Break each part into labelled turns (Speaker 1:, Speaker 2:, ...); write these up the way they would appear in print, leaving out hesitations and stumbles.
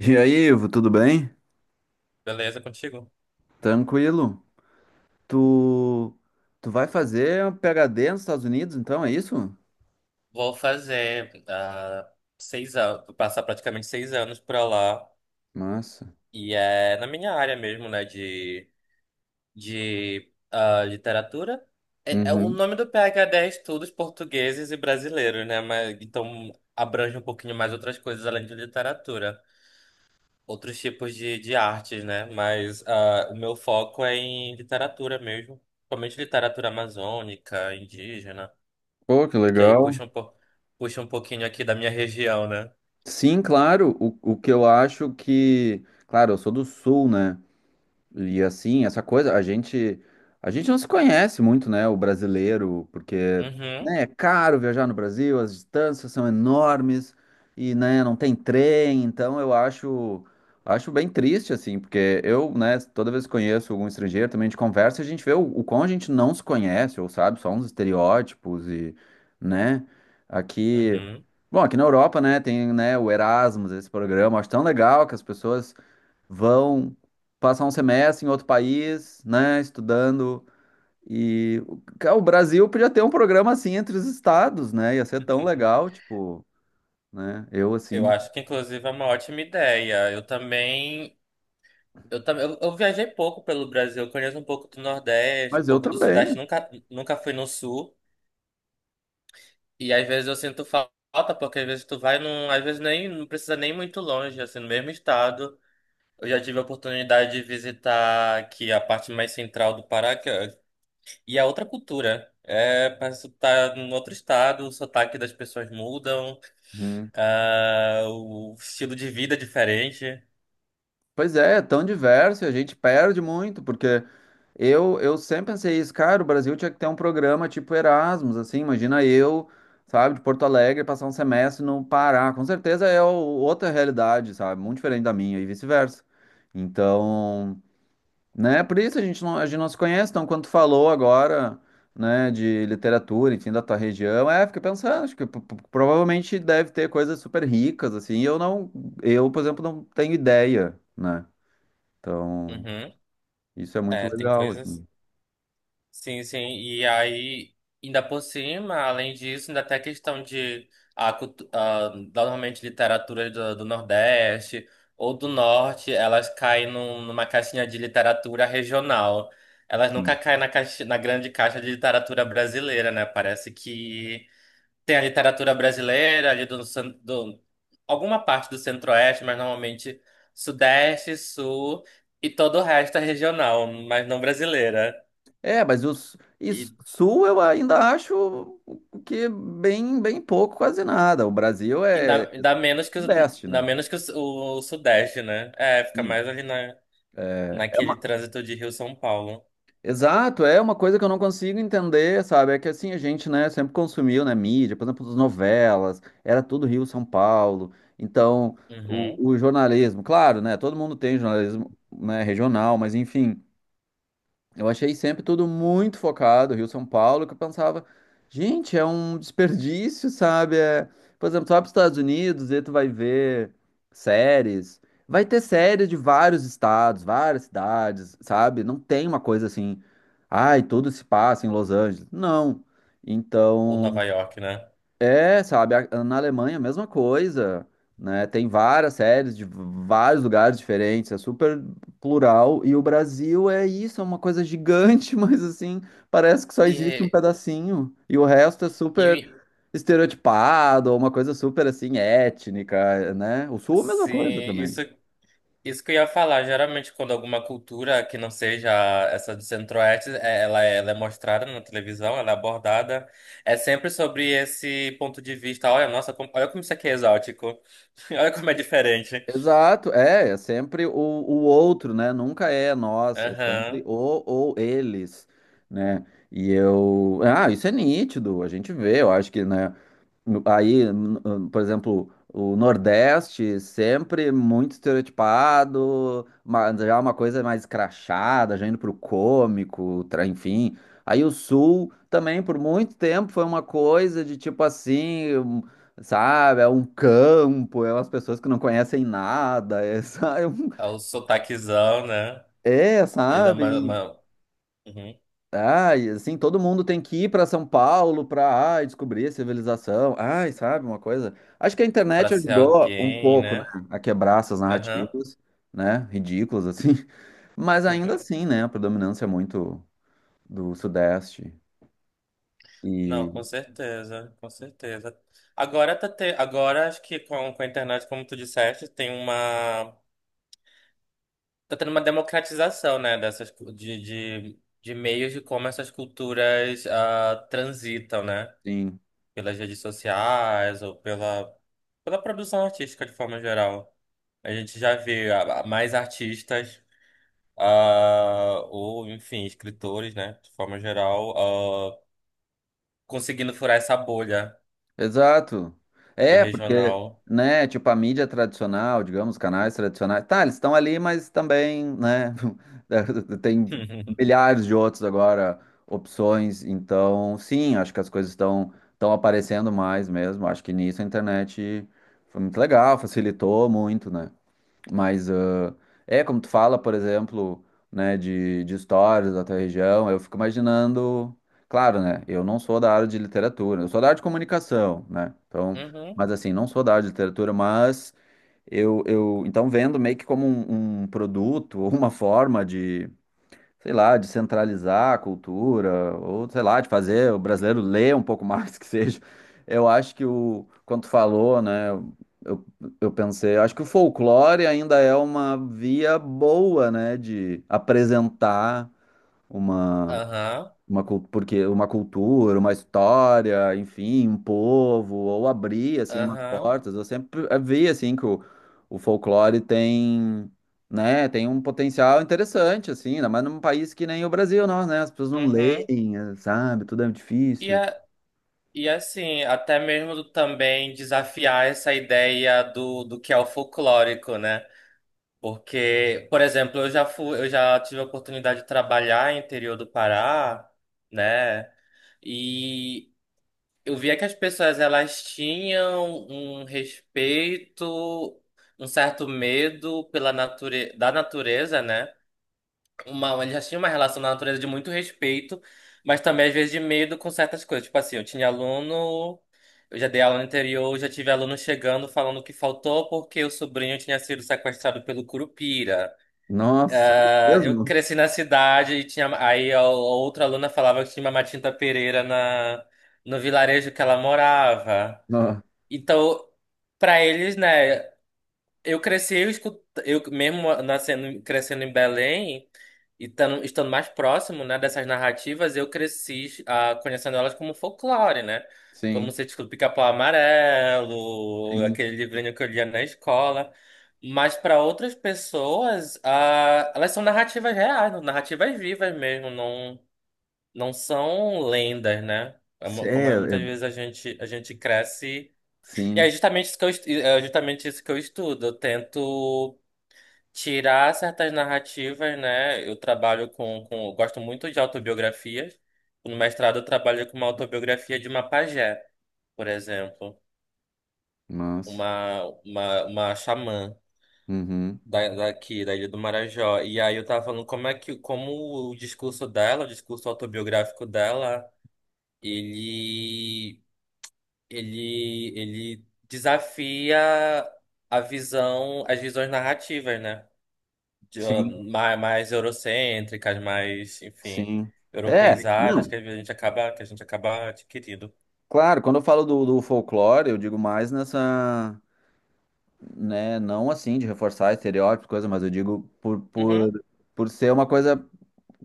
Speaker 1: E aí, Ivo, tudo bem?
Speaker 2: Beleza, contigo?
Speaker 1: Tranquilo? Tu, tu vai fazer um PhD nos Estados Unidos, então, é isso?
Speaker 2: Vou fazer seis anos, passar praticamente seis anos pra lá.
Speaker 1: Massa.
Speaker 2: E é na minha área mesmo, né? De literatura. É, o
Speaker 1: Uhum.
Speaker 2: nome do PhD é Estudos Portugueses e Brasileiros, né? Mas, então abrange um pouquinho mais outras coisas além de literatura. Outros tipos de artes, né? Mas o meu foco é em literatura mesmo. Principalmente literatura amazônica, indígena.
Speaker 1: Pô, que
Speaker 2: Que aí
Speaker 1: legal.
Speaker 2: puxa um, po... puxa um pouquinho aqui da minha região, né?
Speaker 1: Sim, claro. O que eu acho que. Claro, eu sou do Sul, né? E assim, essa coisa, a gente não se conhece muito, né, o brasileiro, porque
Speaker 2: Uhum,
Speaker 1: né, é caro viajar no Brasil, as distâncias são enormes e né, não tem trem, então eu acho bem triste assim, porque eu, né, toda vez que conheço algum estrangeiro, também a gente conversa, e a gente vê o quão a gente não se conhece, ou sabe, só uns estereótipos e né, aqui.
Speaker 2: uhum.
Speaker 1: Bom, aqui na Europa, né, tem, né, o Erasmus, esse programa, acho tão legal que as pessoas vão passar um semestre em outro país, né, estudando. E o cara, o Brasil podia ter um programa assim entre os estados, né? Ia ser tão legal, tipo, né?
Speaker 2: Eu acho que inclusive é uma ótima ideia. Eu também. Eu viajei pouco pelo Brasil, eu conheço um pouco do Nordeste, um
Speaker 1: Mas eu
Speaker 2: pouco do
Speaker 1: também.
Speaker 2: Sudeste, nunca fui no Sul. E às vezes eu sinto falta, porque às vezes tu vai num. Às vezes nem não precisa nem muito longe, assim, no mesmo estado. Eu já tive a oportunidade de visitar aqui a parte mais central do Pará. E é outra cultura. É, parece que tu tá em outro estado, o sotaque das pessoas mudam,
Speaker 1: Uhum.
Speaker 2: o estilo de vida é diferente.
Speaker 1: Pois é, é tão diverso e a gente perde muito, porque eu sempre pensei isso, cara, o Brasil tinha que ter um programa tipo Erasmus, assim, imagina eu, sabe, de Porto Alegre passar um semestre no Pará. Com certeza é o- Outra realidade, sabe? Muito diferente da minha e vice-versa. Então, né? Por isso a gente não se conhece, então quando tu falou agora, né, de literatura, enfim, da tua região, é, fiquei pensando, acho que provavelmente deve ter coisas super ricas, assim, e eu não, eu, por exemplo, não tenho ideia, né? Então,
Speaker 2: Uhum.
Speaker 1: isso é muito
Speaker 2: É, tem
Speaker 1: legal,
Speaker 2: coisas.
Speaker 1: assim.
Speaker 2: Sim, sim. E aí, ainda por cima, além disso, ainda tem a questão de normalmente literatura do Nordeste ou do Norte, elas caem numa caixinha de literatura regional. Elas nunca
Speaker 1: Sim.
Speaker 2: caem na grande caixa de literatura brasileira, né? Parece que tem a literatura brasileira ali do alguma parte do Centro-Oeste, mas normalmente Sudeste, Sul e todo o resto é regional, mas não brasileira.
Speaker 1: É, mas o su-
Speaker 2: E
Speaker 1: Sul eu ainda acho que bem, bem pouco, quase nada. O Brasil é
Speaker 2: ainda menos que, o-
Speaker 1: Sudeste,
Speaker 2: ainda
Speaker 1: né?
Speaker 2: menos que o, su- o Sudeste, né? É, fica
Speaker 1: Sim.
Speaker 2: mais ali
Speaker 1: É, é
Speaker 2: naquele
Speaker 1: uma.
Speaker 2: trânsito de Rio-São Paulo.
Speaker 1: Exato, é uma coisa que eu não consigo entender, sabe? É que assim, a gente, né, sempre consumiu, né, mídia, por exemplo, as novelas, era tudo Rio, São Paulo. Então,
Speaker 2: Uhum.
Speaker 1: o jornalismo, claro, né, todo mundo tem jornalismo, né, regional, mas enfim, eu achei sempre tudo muito focado, Rio-São Paulo, que eu pensava, gente, é um desperdício, sabe? É, por exemplo, tu vai para os Estados Unidos e tu vai ver séries. Vai ter séries de vários estados, várias cidades, sabe? Não tem uma coisa assim, ai, tudo se passa em Los Angeles. Não.
Speaker 2: Ou
Speaker 1: Então,
Speaker 2: Nova York, né?
Speaker 1: é, sabe, a- na Alemanha a mesma coisa, né? Tem várias séries de vários lugares diferentes, é super plural, e o Brasil é isso, é uma coisa gigante, mas assim, parece que só existe um
Speaker 2: E,
Speaker 1: pedacinho, e o resto é super
Speaker 2: e
Speaker 1: estereotipado, uma coisa super assim étnica, né? O Sul é a mesma
Speaker 2: sim,
Speaker 1: coisa também.
Speaker 2: isso, isso que eu ia falar. Geralmente, quando alguma cultura que não seja essa do Centro-Oeste, ela é mostrada na televisão, ela é abordada, é sempre sobre esse ponto de vista. Olha, nossa, olha como isso aqui é exótico. Olha como é diferente.
Speaker 1: Exato, é, é sempre o outro, né? Nunca é nós, é
Speaker 2: Aham.
Speaker 1: sempre o ou eles, né? E eu, ah, isso é nítido, a gente vê, eu acho que, né? Por exemplo, o Nordeste sempre muito estereotipado, mas já uma coisa mais crachada, já indo pro cômico, enfim. Aí o Sul também por muito tempo foi uma coisa de tipo assim, sabe, é um campo, é umas pessoas que não conhecem nada, é, sabe,
Speaker 2: É o sotaquezão, né?
Speaker 1: é,
Speaker 2: Ele dá
Speaker 1: sabe?
Speaker 2: uma. Uhum.
Speaker 1: Ai, assim, todo mundo tem que ir para São Paulo para, ai, descobrir a civilização. Ai, sabe, uma coisa. Acho que a
Speaker 2: Para
Speaker 1: internet
Speaker 2: ser
Speaker 1: ajudou um
Speaker 2: alguém,
Speaker 1: pouco, né,
Speaker 2: né?
Speaker 1: a quebrar essas
Speaker 2: Aham.
Speaker 1: narrativas, né, ridículas assim. Mas ainda assim, né, a predominância é muito do Sudeste.
Speaker 2: Não, com
Speaker 1: E
Speaker 2: certeza, com certeza. Agora acho que com a internet, como tu disseste, tem uma tá tendo uma democratização, né, dessas cu- de meios de como essas culturas transitam, né?
Speaker 1: sim.
Speaker 2: Pelas redes sociais ou pela produção artística de forma geral. A gente já vê mais artistas ou, enfim, escritores, né, de forma geral, conseguindo furar essa bolha
Speaker 1: Exato.
Speaker 2: do
Speaker 1: É, porque,
Speaker 2: regional.
Speaker 1: né, tipo, a mídia tradicional, digamos, canais tradicionais, tá, eles estão ali, mas também, né, tem milhares de outros agora opções, então, sim, acho que as coisas estão aparecendo mais mesmo, acho que nisso a internet foi muito legal, facilitou muito, né? Mas ah, é como tu fala, por exemplo, né, de histórias da tua região, eu fico imaginando, claro, né, eu não sou da área de literatura, eu sou da área de comunicação, né? Então,
Speaker 2: Uhum,
Speaker 1: mas assim, não sou da área de literatura, mas eu então vendo meio que como um produto, ou uma forma de sei lá, de centralizar a cultura, ou sei lá, de fazer o brasileiro ler um pouco mais que seja. Eu acho que o, quando tu falou, né, eu, eu pensei, eu acho que o folclore ainda é uma via boa, né, de apresentar uma
Speaker 2: aham,
Speaker 1: uma, porque uma cultura, uma história, enfim, um povo, ou abrir, assim, umas
Speaker 2: aham,
Speaker 1: portas. Eu sempre vi, assim, que o folclore tem, né, tem um potencial interessante, assim, ainda mais num país que nem o Brasil, nós, né, as pessoas não
Speaker 2: uhum.
Speaker 1: leem, sabe, tudo é
Speaker 2: E,
Speaker 1: difícil.
Speaker 2: a, e é assim, até mesmo também desafiar essa ideia do que é o folclórico, né? Porque, por exemplo, eu já tive a oportunidade de trabalhar no interior do Pará, né? E eu via que as pessoas elas tinham um respeito, um certo medo da natureza, né? Ele já tinha uma relação na natureza de muito respeito, mas também às vezes de medo com certas coisas. Tipo assim, eu tinha aluno, eu já dei aula no interior, já tive aluno chegando falando que faltou porque o sobrinho tinha sido sequestrado pelo Curupira.
Speaker 1: Nossa, é
Speaker 2: Ah, eu
Speaker 1: mesmo?
Speaker 2: cresci na cidade e tinha. Aí a outra aluna falava que tinha uma Matinta Pereira no vilarejo que ela morava.
Speaker 1: Ó,
Speaker 2: Então, pra eles, né? Eu cresci, eu escuto, eu mesmo nascendo, crescendo em Belém e estando mais próximo, né, dessas narrativas, eu cresci conhecendo elas como folclore, né?
Speaker 1: sim,
Speaker 2: Como você escuta Pica-Pau Amarelo,
Speaker 1: sim,
Speaker 2: aquele livrinho que eu lia na escola. Mas para outras pessoas, elas são narrativas reais, narrativas vivas mesmo, não são lendas, né?
Speaker 1: é,
Speaker 2: Como muitas
Speaker 1: é-
Speaker 2: vezes a gente cresce. E é
Speaker 1: sim,
Speaker 2: justamente isso que eu estudo. Eu tento tirar certas narrativas, né? Eu trabalho com, Eu gosto muito de autobiografias. No mestrado eu trabalho com uma autobiografia de uma pajé, por exemplo,
Speaker 1: nossa,
Speaker 2: uma xamã
Speaker 1: uhum,
Speaker 2: daqui, da Ilha do Marajó. E aí eu tava falando como é que como o discurso dela, o discurso autobiográfico dela, ele ele desafia as visões narrativas, né? De,
Speaker 1: sim,
Speaker 2: mais eurocêntricas, mais, enfim,
Speaker 1: sim. É,
Speaker 2: europeizadas que
Speaker 1: não,
Speaker 2: a gente acaba, que a gente acaba adquirindo.
Speaker 1: claro, quando eu falo do, do folclore, eu digo mais nessa né? Não assim de reforçar estereótipos, coisa, mas eu digo
Speaker 2: Uhum,
Speaker 1: por ser uma coisa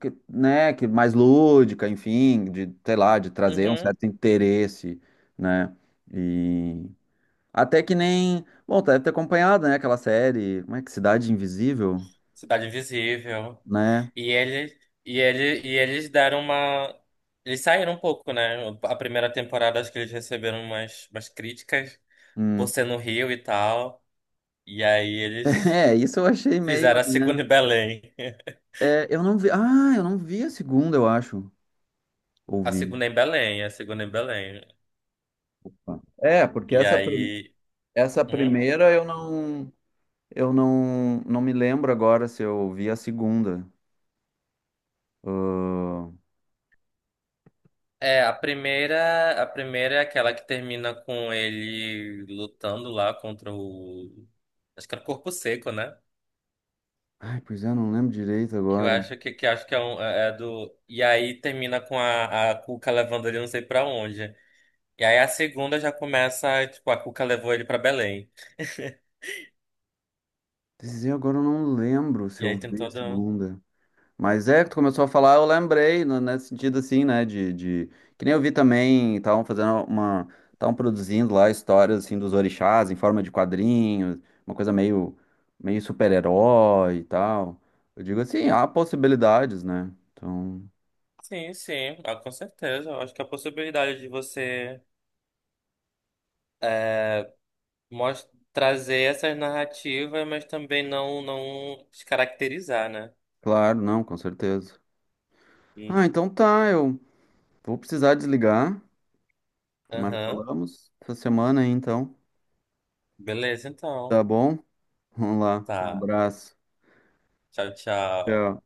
Speaker 1: que, né, que mais lúdica, enfim, de, sei lá, de trazer um
Speaker 2: uhum.
Speaker 1: certo interesse, né? E até que nem, bom, tu deve ter acompanhado, né, aquela série, como é que Cidade Invisível,
Speaker 2: Cidade Invisível.
Speaker 1: né?
Speaker 2: E ele, e ele, e eles deram uma Eles saíram um pouco, né? A primeira temporada acho que eles receberam umas críticas por
Speaker 1: Hum.
Speaker 2: ser no Rio e tal. E aí eles
Speaker 1: É, isso eu achei meio,
Speaker 2: fizeram a
Speaker 1: né?
Speaker 2: segunda em Belém.
Speaker 1: É, eu não vi, ah, eu não vi a segunda, eu acho.
Speaker 2: A
Speaker 1: Ouvi.
Speaker 2: segunda é em Belém, a segunda é em Belém.
Speaker 1: Tá.
Speaker 2: E aí.
Speaker 1: Essa
Speaker 2: Uhum.
Speaker 1: primeira eu não. Eu não, não me lembro agora se eu vi a segunda. Ah,
Speaker 2: É, a primeira é aquela que termina com ele lutando lá contra o. Acho que era o Corpo Seco, né?
Speaker 1: ai, pois é, não lembro direito
Speaker 2: Que eu
Speaker 1: agora.
Speaker 2: acho que acho que é, um, é do. E aí termina com a Cuca levando ele não sei pra onde. E aí a segunda já começa, tipo, a Cuca levou ele pra Belém.
Speaker 1: Dizer agora eu não lembro se
Speaker 2: E
Speaker 1: eu
Speaker 2: aí tem
Speaker 1: vi a
Speaker 2: toda.
Speaker 1: segunda. Mas é, que tu começou a falar, eu lembrei, nesse sentido assim, né? De... Que nem eu vi também, estavam fazendo uma. Estavam produzindo lá histórias assim dos orixás em forma de quadrinhos, uma coisa meio, meio super-herói e tal. Eu digo assim, há possibilidades, né? Então,
Speaker 2: Sim, sim, com certeza. Eu acho que a possibilidade de trazer essas narrativas, mas também não descaracterizar, né?
Speaker 1: claro, não, com certeza.
Speaker 2: Hum,
Speaker 1: Ah, então tá, eu. Vou precisar desligar, mas
Speaker 2: aham.
Speaker 1: falamos essa semana aí, então.
Speaker 2: Beleza,
Speaker 1: Tá
Speaker 2: então.
Speaker 1: bom? Vamos lá. Um
Speaker 2: Tá.
Speaker 1: abraço.
Speaker 2: Tchau, tchau.
Speaker 1: Tchau.